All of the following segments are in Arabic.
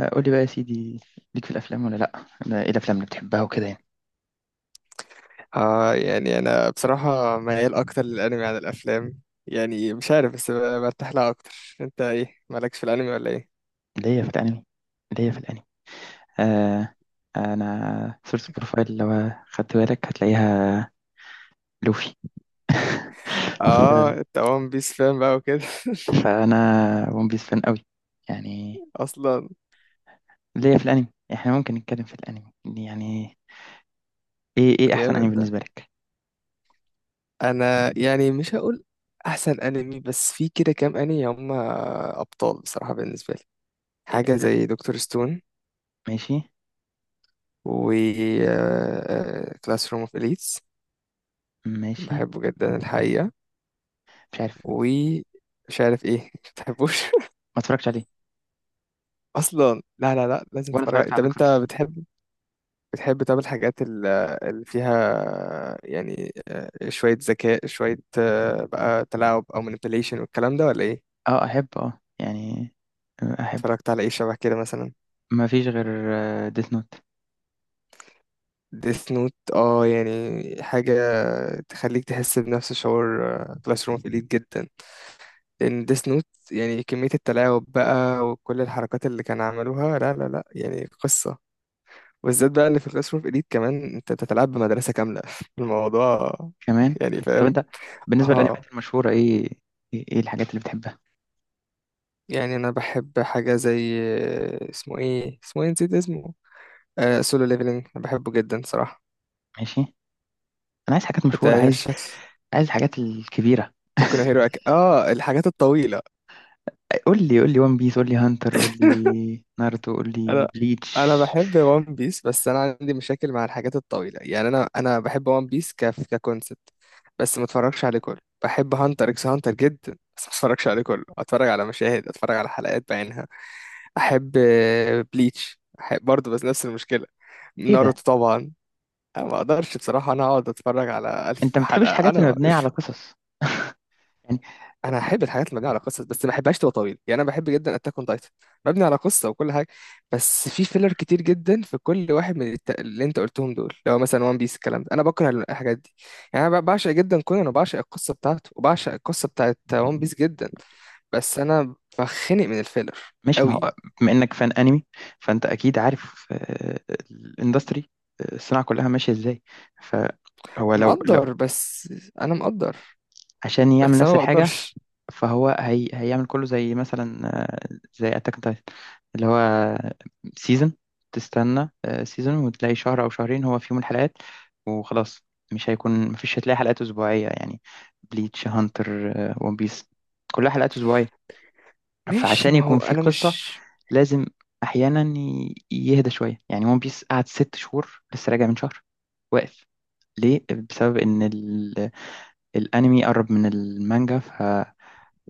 آه، قولي بقى يا سيدي، ليك في الافلام ولا لا؟ أنا ايه الافلام اللي بتحبها وكده يعني؟ آه، يعني انا بصراحة ميال اكتر للانمي عن الافلام. يعني مش عارف بس برتاح لها اكتر. انت ايه مالكش في الانمي ولا ايه؟ اللي هي في الانمي. اللي هي في الانمي آه، انا صورة البروفايل لو خدت بالك هتلاقيها لوفي. اه ف- انت وان بيس فان بقى وكده. فانا ون بيس فان قوي يعني. اصلا اللي هي في الانمي، احنا ممكن نتكلم في الانمي يعني. ايه احسن جامد انمي ده. بالنسبة لك؟ انا يعني مش هقول احسن انمي، بس في كده كام انمي هم ابطال بصراحة بالنسبة لي. حاجة آه، زي دكتور ستون ماشي. و كلاس روم اوف اليتس، ماشي. بحبه جدا الحقيقة. مش عارف، ومش عارف ايه. بتحبوش ما اتفرجتش عليه، اصلا؟ لا لا لا، لازم ولا تتفرج عليه. اتفرجت على طب دكتور انت ستون. بتحب، بتحب طب الحاجات اللي فيها يعني شويه ذكاء، شويه بقى تلاعب او manipulation والكلام ده ولا ايه؟ اه، احبه، اه يعني. آه، احبه. اتفرجت على ايه شبه كده مثلا؟ ما فيش غير ديث نوت. ديث نوت، اه يعني حاجه تخليك تحس بنفس شعور كلاس روم اليت جدا. لان ديث نوت يعني كميه التلاعب بقى وكل الحركات اللي كانوا عملوها، لا لا لا يعني قصه. بالذات بقى اللي في كلاس روم إليت، كمان أنت بتتلعب بمدرسة كاملة. الموضوع كمان. يعني طب فاهم. انت بالنسبه اه للانميات المشهوره، ايه إيه الحاجات اللي بتحبها؟ يعني أنا بحب حاجة زي اسمه إيه، اسمه إيه، نسيت اسمه. آه سولو ليفلينج، أنا بحبه جدا صراحة. ماشي. انا عايز حاجات مشهوره، أنت عايز شكل عايز الحاجات الكبيره. بوكو هيرو اه الحاجات الطويلة. قول لي، قول لي ون بيس، قول لي هانتر، قول لي ناruto، قول لي انا بليتش. انا بحب وان بيس، بس انا عندي مشاكل مع الحاجات الطويله. يعني انا بحب وان بيس ككونسبت، بس ما اتفرجش عليه كله. بحب هانتر اكس هانتر جدا، بس ما اتفرجش عليه كله، اتفرج على مشاهد، اتفرج على حلقات بعينها. احب بليتش احب برضه، بس نفس المشكله. ايه ده؟ ناروتو طبعا. انا ما اقدرش بصراحه انا اقعد اتفرج على انت الف ما بتحبش حلقه الحاجات اللي انا. مبنيه على قصص يعني؟ انا احب الحاجات اللي مبنيه على قصص، بس ما احبهاش تبقى طويله. يعني انا بحب جدا اتاك اون تايتن، مبني على قصه وكل حاجه. بس في فيلر كتير جدا في كل واحد من اللي انت قلتهم دول. لو مثلا وان بيس، الكلام ده انا بكره الحاجات دي. يعني انا بعشق جدا كونان، وبعشق القصه بتاعته، وبعشق القصه بتاعت وان بيس جدا، بس انا بخنق من الفيلر مش، ما قوي. هو بما انك فان انمي، فانت اكيد عارف الاندستري، الصناعه كلها ماشيه ازاي. فهو لو مقدر، بس انا مقدر، عشان يعمل بس انا نفس ما الحاجه، بقدرش. فهو هيعمل كله زي مثلا، زي اتاك اون تايتن، اللي هو سيزون تستنى سيزون، وتلاقي شهر او شهرين هو فيهم الحلقات وخلاص. مش هيكون، مفيش، هتلاقي حلقات اسبوعيه يعني. بليتش، هانتر، ون بيس، كلها حلقات اسبوعيه. ماشي فعشان ما هو يكون في انا قصه، مش. لازم احيانا يهدى شويه. يعني ون بيس قعد 6 شهور، لسه راجع من شهر واقف. ليه؟ بسبب ان الانمي قرب من المانجا،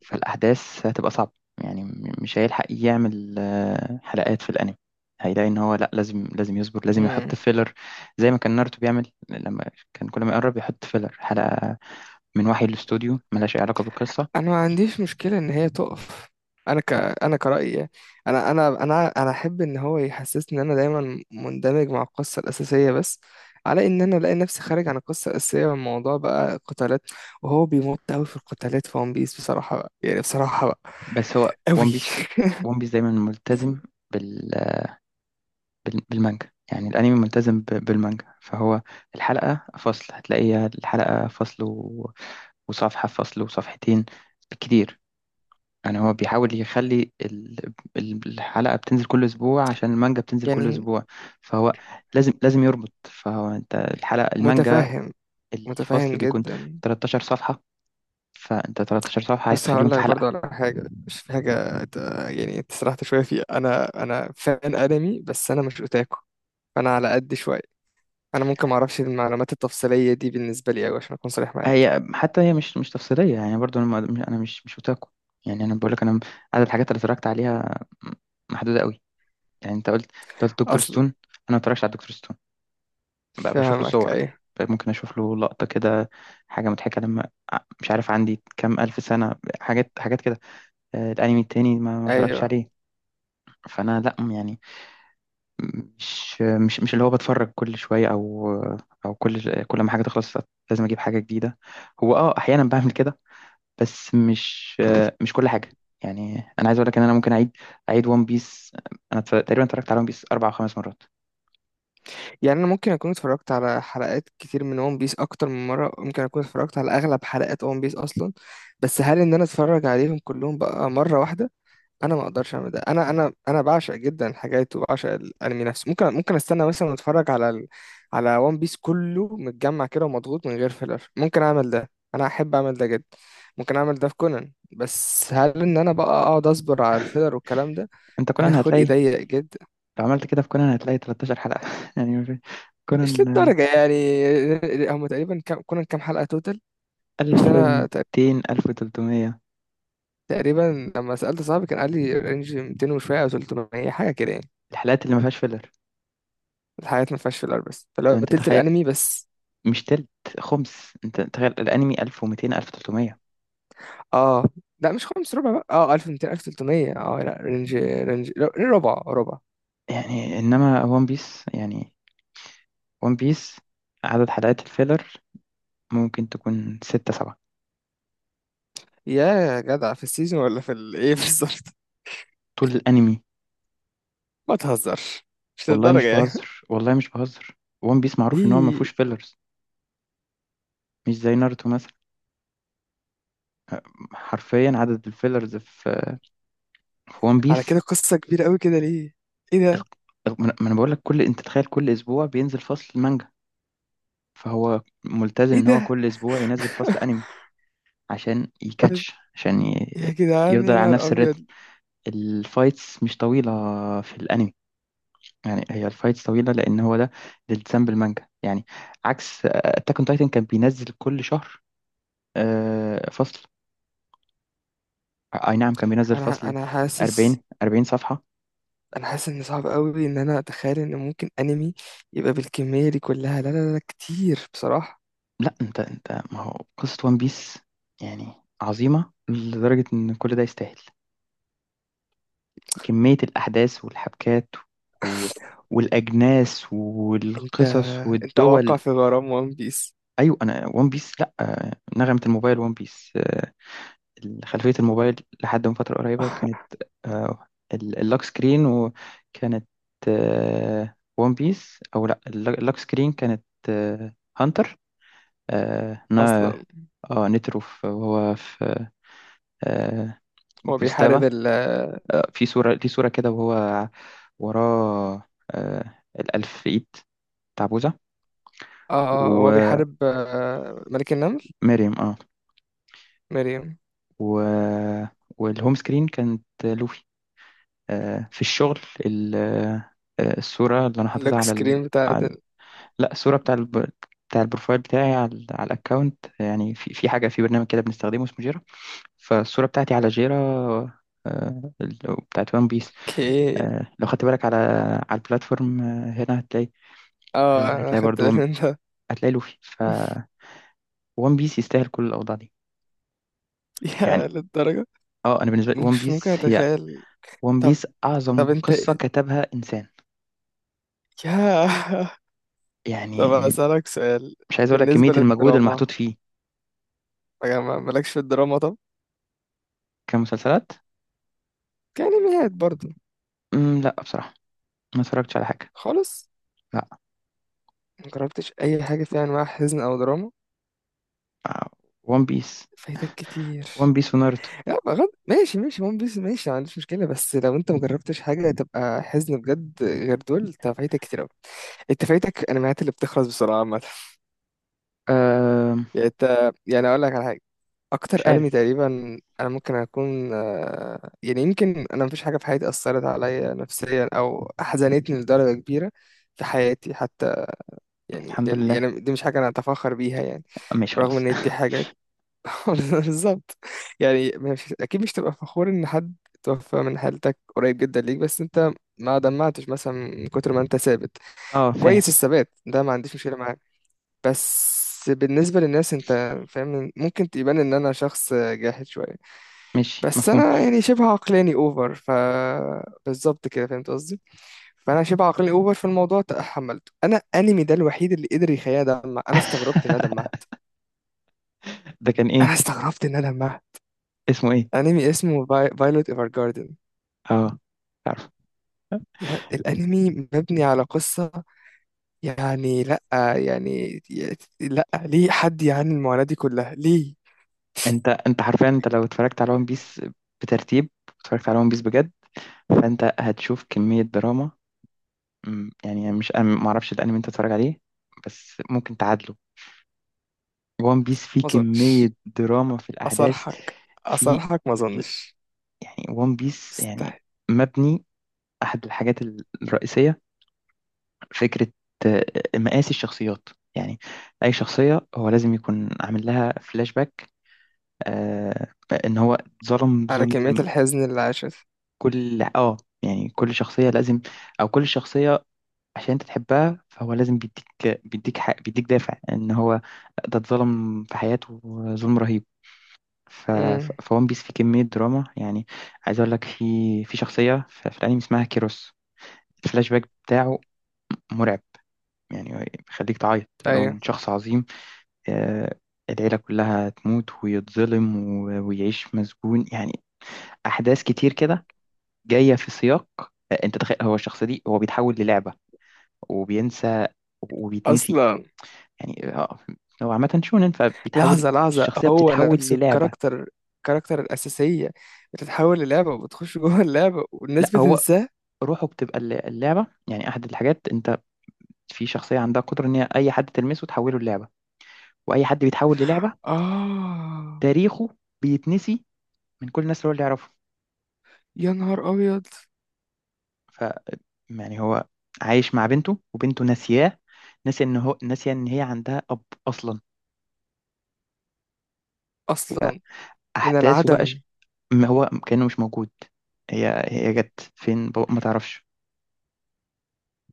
فالأحداث هتبقى صعبة. يعني مش هيلحق يعمل حلقات في الأنمي. هيلاقي إن هو لأ، لازم لازم يصبر، لازم مم. يحط فيلر. زي ما كان ناروتو بيعمل، لما كان كل ما يقرب يحط فيلر حلقة من وحي الاستوديو، ملهاش أي علاقة بالقصة. انا ما عنديش مشكله ان هي تقف. انا انا كرأيي يعني. انا احب ان هو يحسسني ان انا دايما مندمج مع القصه الاساسيه، بس على ان انا الاقي نفسي خارج عن القصه الاساسيه والموضوع بقى قتالات، وهو بيمط قوي في القتالات في ون بيس بصراحه بقى، يعني بصراحه بقى بس هو ون قوي. بيس، دايما ملتزم بال... بالمانجا. يعني الأنمي ملتزم بالمانجا، فهو الحلقة فصل، هتلاقيها الحلقة فصل وصفحة، فصل وصفحتين بالكتير. يعني هو بيحاول يخلي الحلقة بتنزل كل أسبوع عشان المانجا بتنزل كل يعني أسبوع. فهو لازم يربط، فهو أنت الحلقة، المانجا متفهم، متفهم الفصل بيكون جدا. 13 صفحة، فأنت 13 صفحة عايز بس تخليهم هقول في لك برضه حلقة. على حاجة، مش في حاجة يعني انت سرحت شوية فيها. أنا فان أنمي، بس أنا مش أوتاكو، فأنا على قد شوية. أنا ممكن معرفش المعلومات التفصيلية دي بالنسبة لي أوي، عشان أكون صريح معاك. هي حتى هي مش تفصيلية، يعني برضو أنا، أنا مش أوتاكو. يعني أنا بقول لك، أنا عدد الحاجات اللي اتفرجت عليها محدودة قوي. يعني أنت قلت دكتور أصلا ستون، أنا ما اتفرجتش على دكتور ستون. بشوف له فاهمك، صور، أيوه ممكن اشوف له لقطة كده، حاجة مضحكة، لما مش عارف عندي كام الف سنة، حاجات حاجات كده. آه، الانمي التاني ما اتفرجش أيوه. عليه. فانا لا يعني، مش اللي هو بتفرج كل شوية، او كل ما حاجة تخلص لازم اجيب حاجة جديدة. هو اه احيانا بعمل كده، بس مش مش كل حاجة يعني. انا عايز اقول لك ان انا ممكن اعيد اعيد ون بيس. انا تقريبا اتفرجت على ون بيس 4 او 5 مرات. يعني أنا ممكن أكون اتفرجت على حلقات كتير من ون بيس أكتر من مرة، ممكن أكون اتفرجت على أغلب حلقات ون بيس أصلا. بس هل إن أنا أتفرج عليهم كلهم بقى مرة واحدة؟ انا ما اقدرش اعمل ده. انا بعشق جدا الحاجات وبعشق الانمي نفسه. ممكن، ممكن استنى مثلا، اتفرج على على وان بيس كله متجمع كده ومضغوط من غير فيلر، ممكن اعمل ده، انا احب اعمل ده جدا. ممكن اعمل ده في كونان، بس هل ان انا بقى اقعد اصبر على الفيلر والكلام ده؟ انت انا كونان خلقي هتلاقي، ضيق جدا. لو عملت كده في كونان هتلاقي 13 حلقة يعني. مش كونان للدرجه يعني. هم تقريبا كونان كام حلقه توتال؟ عشان انا 1200، 1300 تقريبا لما سالت صاحبي كان قال لي رينج 200 وشويه او 300 حاجه كده يعني. الحلقات اللي ما فيهاش فيلر. الحاجات ما فيهاش فيلر، بس طب فلو انت تلت تخيل، الانمي بس. مش تلت، خمس، انت تخيل الانمي 1200، 1300. اه لا مش خمس، ربع بقى، اه 1200 1300. اه لا، رينج رينج، لا، ربع ربع. يعني انما ون بيس يعني، ون بيس عدد حلقات الفيلر ممكن تكون 6 7 يا جدع في السيزون ولا في ايه بالظبط؟ طول الانمي. ما تهزرش، مش والله للدرجة مش يعني. بهزر، والله مش بهزر. ون بيس معروف ان هو ما ليه؟ فيهوش فيلرز، مش زي ناruتو مثلا. حرفيا عدد الفيلرز في ون على بيس، كده قصة كبيرة قوي كده ليه؟ ايه ده، ما انا بقول لك، كل، انت تخيل كل اسبوع بينزل فصل مانجا، فهو ملتزم ايه ان هو ده. كل اسبوع ينزل فصل انمي عشان بس- يكاتش، عشان يا جدعان يفضل يا على نهار نفس الريتم. ابيض. الفايتس مش طويلة في الانمي، يعني هي الفايتس طويلة لان هو ده الالتزام بالمانجا يعني. عكس اتاك اون تايتن، كان بينزل كل شهر فصل، اي نعم، كان بينزل انا فصل انا حاسس، 40 صفحة. انا حاسس ان صعب قوي ان انا اتخيل ان ممكن انمي يبقى بالكمية دي كلها. لا لا لا، كتير بصراحة. لا انت، ما هو قصة وان بيس يعني عظيمة لدرجة ان كل ده يستاهل، كمية الأحداث والحبكات و... والأجناس انت والقصص انت واقع والدول. في غرام وان بيس. أيوة، أنا ون بيس، لأ، نغمة الموبايل ون بيس، خلفية الموبايل لحد من فترة قريبة كانت آه، اللوك سكرين، وكانت ون بيس. أو لأ، اللوك سكرين كانت هانتر، آه، نا اصلا آه، نترو، وهو في آه، هو بيحارب بوتسلافا. ال اه، في صورة دي، صورة كده وهو وراه الألف في إيد بتاع بوذا، هو ومريم بيحارب ملك النمل. اه. مريم. و... والهوم سكرين كانت لوفي، في الشغل. ال... آه، الصورة اللي أنا حاططها اللوك على سكرين بتاعت على ال- لا، الصورة بتاع بتاع البروفايل بتاعي على، على الأكاونت، يعني في حاجة في برنامج كده بنستخدمه اسمه جيرا. فالصورة بتاعتي على جيرا بتاعت وان بيس. اوكي. لو خدت بالك على، البلاتفورم هنا، هتلاقي اه انا هتلاقي خدت برضو، بالي من ده. هتلاقي لوفي. ف وان بيس يستاهل كل الاوضاع دي يا يعني. للدرجة، اه، انا بالنسبه لي وان مش ممكن بيس هي، اتخيل. وان طب، بيس اعظم طب انت قصه إيه؟ كتبها انسان. يا. يعني طب اسألك سؤال. مش عايز اقول لك كميه بالنسبة المجهود للدراما، المحطوط فيه. يا مالكش في الدراما؟ طب كمسلسلات، كأنميات برضو؟ لا بصراحه، ما اتفرجتش على حاجه. خالص لا، مجربتش اي حاجة فيها انواع حزن او دراما؟ وان بيس، فايتك كتير. وناruto. لا بغض، ماشي ماشي، ون بيس ماشي، ما عنديش مشكلة، بس لو انت مجربتش حاجة تبقى حزن بجد غير دول، انت فايتك كتير اوي. انت فايتك انميات اللي بتخلص بسرعة عامة. أه، يعني انت، يعني اقول لك على حاجة. مش اكتر انمي عارف. تقريبا انا ممكن اكون يعني يمكن، انا مفيش حاجة في حياتي اثرت عليا نفسيا او حزنتني لدرجة كبيرة في حياتي حتى. يعني الحمد لله. يعني دي مش حاجة انا اتفاخر بيها يعني، ماشي، برغم خلاص. ان دي حاجة. بالظبط، يعني مش اكيد مش تبقى فخور ان حد توفى من حالتك قريب جدا ليك، بس انت ما دمعتش مثلا من كتر ما انت ثابت. اه، فاهم. كويس، الثبات ده ما عنديش مشكله معاك، بس بالنسبه للناس انت فاهم ممكن تبان ان انا شخص جاحد شويه. ماشي، بس مفهوم. انا يعني شبه عقلاني اوفر ف، بالظبط كده فهمت قصدي. فانا شبه عقلاني اوفر في الموضوع. تحملته انا، انمي ده الوحيد اللي قدر يخليني ادمع. انا استغربت ان انا دمعت، ده كان انا ايه؟ استغربت ان انا دمعت. اسمه ايه؟ انمي اسمه فايلوت ايفر جاردن. اه، تعرف. يا الانمي مبني على قصة، يعني لا، يعني لا، ليه حد يعاني المعاناة دي كلها ليه؟ انت حرفيا، انت لو اتفرجت على ون بيس بترتيب، اتفرجت على ون بيس بجد، فانت هتشوف كمية دراما. يعني مش أنا ما اعرفش الانمي انت تتفرج عليه، بس ممكن تعادله. وان بيس فيه ما اظنش، كمية دراما في الاحداث، اصرحك، في اصرحك ما اظنش، يعني وان بيس يعني مستحيل مبني، احد الحاجات الرئيسية فكرة آه، مقاس الشخصيات، يعني اي شخصية هو لازم يكون عامل لها فلاش باك. آه، ان هو ظلم، على كمية ظلم. الحزن اللي عاشت. كل اه، يعني كل شخصية لازم، او كل شخصية عشان انت تحبها، فهو لازم بيديك، بيديك حق، بيديك دافع ان هو ده اتظلم في حياته ظلم رهيب. امم، فون بيس فيه كمية دراما يعني. عايز اقول لك، في شخصية في الانمي اسمها كيروس. الفلاش باك بتاعه مرعب يعني، بيخليك تعيط. اللي هو من ايوه. شخص عظيم، آه، العيلة كلها تموت ويتظلم ويعيش مسجون، يعني أحداث كتير كده جاية في سياق. آه، أنت تخيل هو الشخص دي هو بيتحول للعبة وبينسى وبيتنسي. اصلا يعني آه، هو عامة شونن، فبيتحول، لحظة لحظة، الشخصية هو بتتحول نفسه للعبة. الكاركتر، الكاركتر الأساسية بتتحول للعبة، وبتخش جوه اللعبة لا والناس هو بتنساه. روحه بتبقى اللعبة. يعني أحد الحاجات، أنت في شخصية عندها قدرة إن هي أي حد تلمسه تحوله للعبة، وأي حد بيتحول للعبة آه، تاريخه بيتنسي من كل الناس اللي يعرفه. يا نهار أبيض. ف يعني هو عايش مع بنته وبنته ناسياه، ناسية إن هو، ناسية إن هي عندها أب أصلا. أصلا من أحداثه بقى العدم. ما هو كأنه مش موجود. هي جت فين؟ بابا ما تعرفش.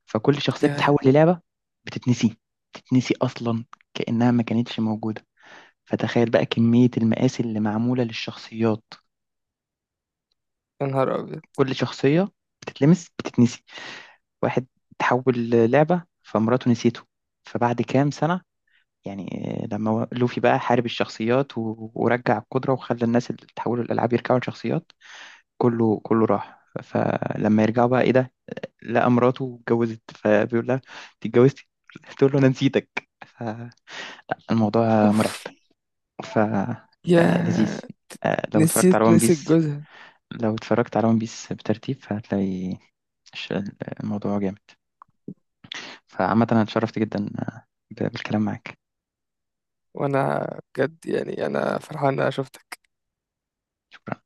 فكل شخصية بتتحول يا، للعبة بتتنسي، تتنسي أصلا كأنها ما كانتش موجودة. فتخيل بقى كمية المقاس اللي معمولة للشخصيات، يا نهار أبيض. كل شخصية بتتلمس بتتنسي. واحد تحول لعبة فمراته نسيته، فبعد كام سنة يعني، آه، لما لوفي بقى حارب الشخصيات ورجع القدرة وخلى الناس اللي تحولوا الألعاب يرجعوا لشخصيات، كله، راح. فلما يرجعوا بقى، ايه ده، لقى مراته اتجوزت فبيقول لها انت اتجوزتي، تقول له انا نسيتك. الموضوع مرعب. أوف، ف يا. آه، لذيذ. آه، لو اتفرجت على نسيت، ون نسيت بيس، جوزها. لو اتفرجت على ون بيس بترتيب فهتلاقي الش- الموضوع جامد. فعامة، أنا اتشرفت جدا بالكلام معاك. وأنا، بجد يعني أنا فرحان إن أنا شفتك. شكرا.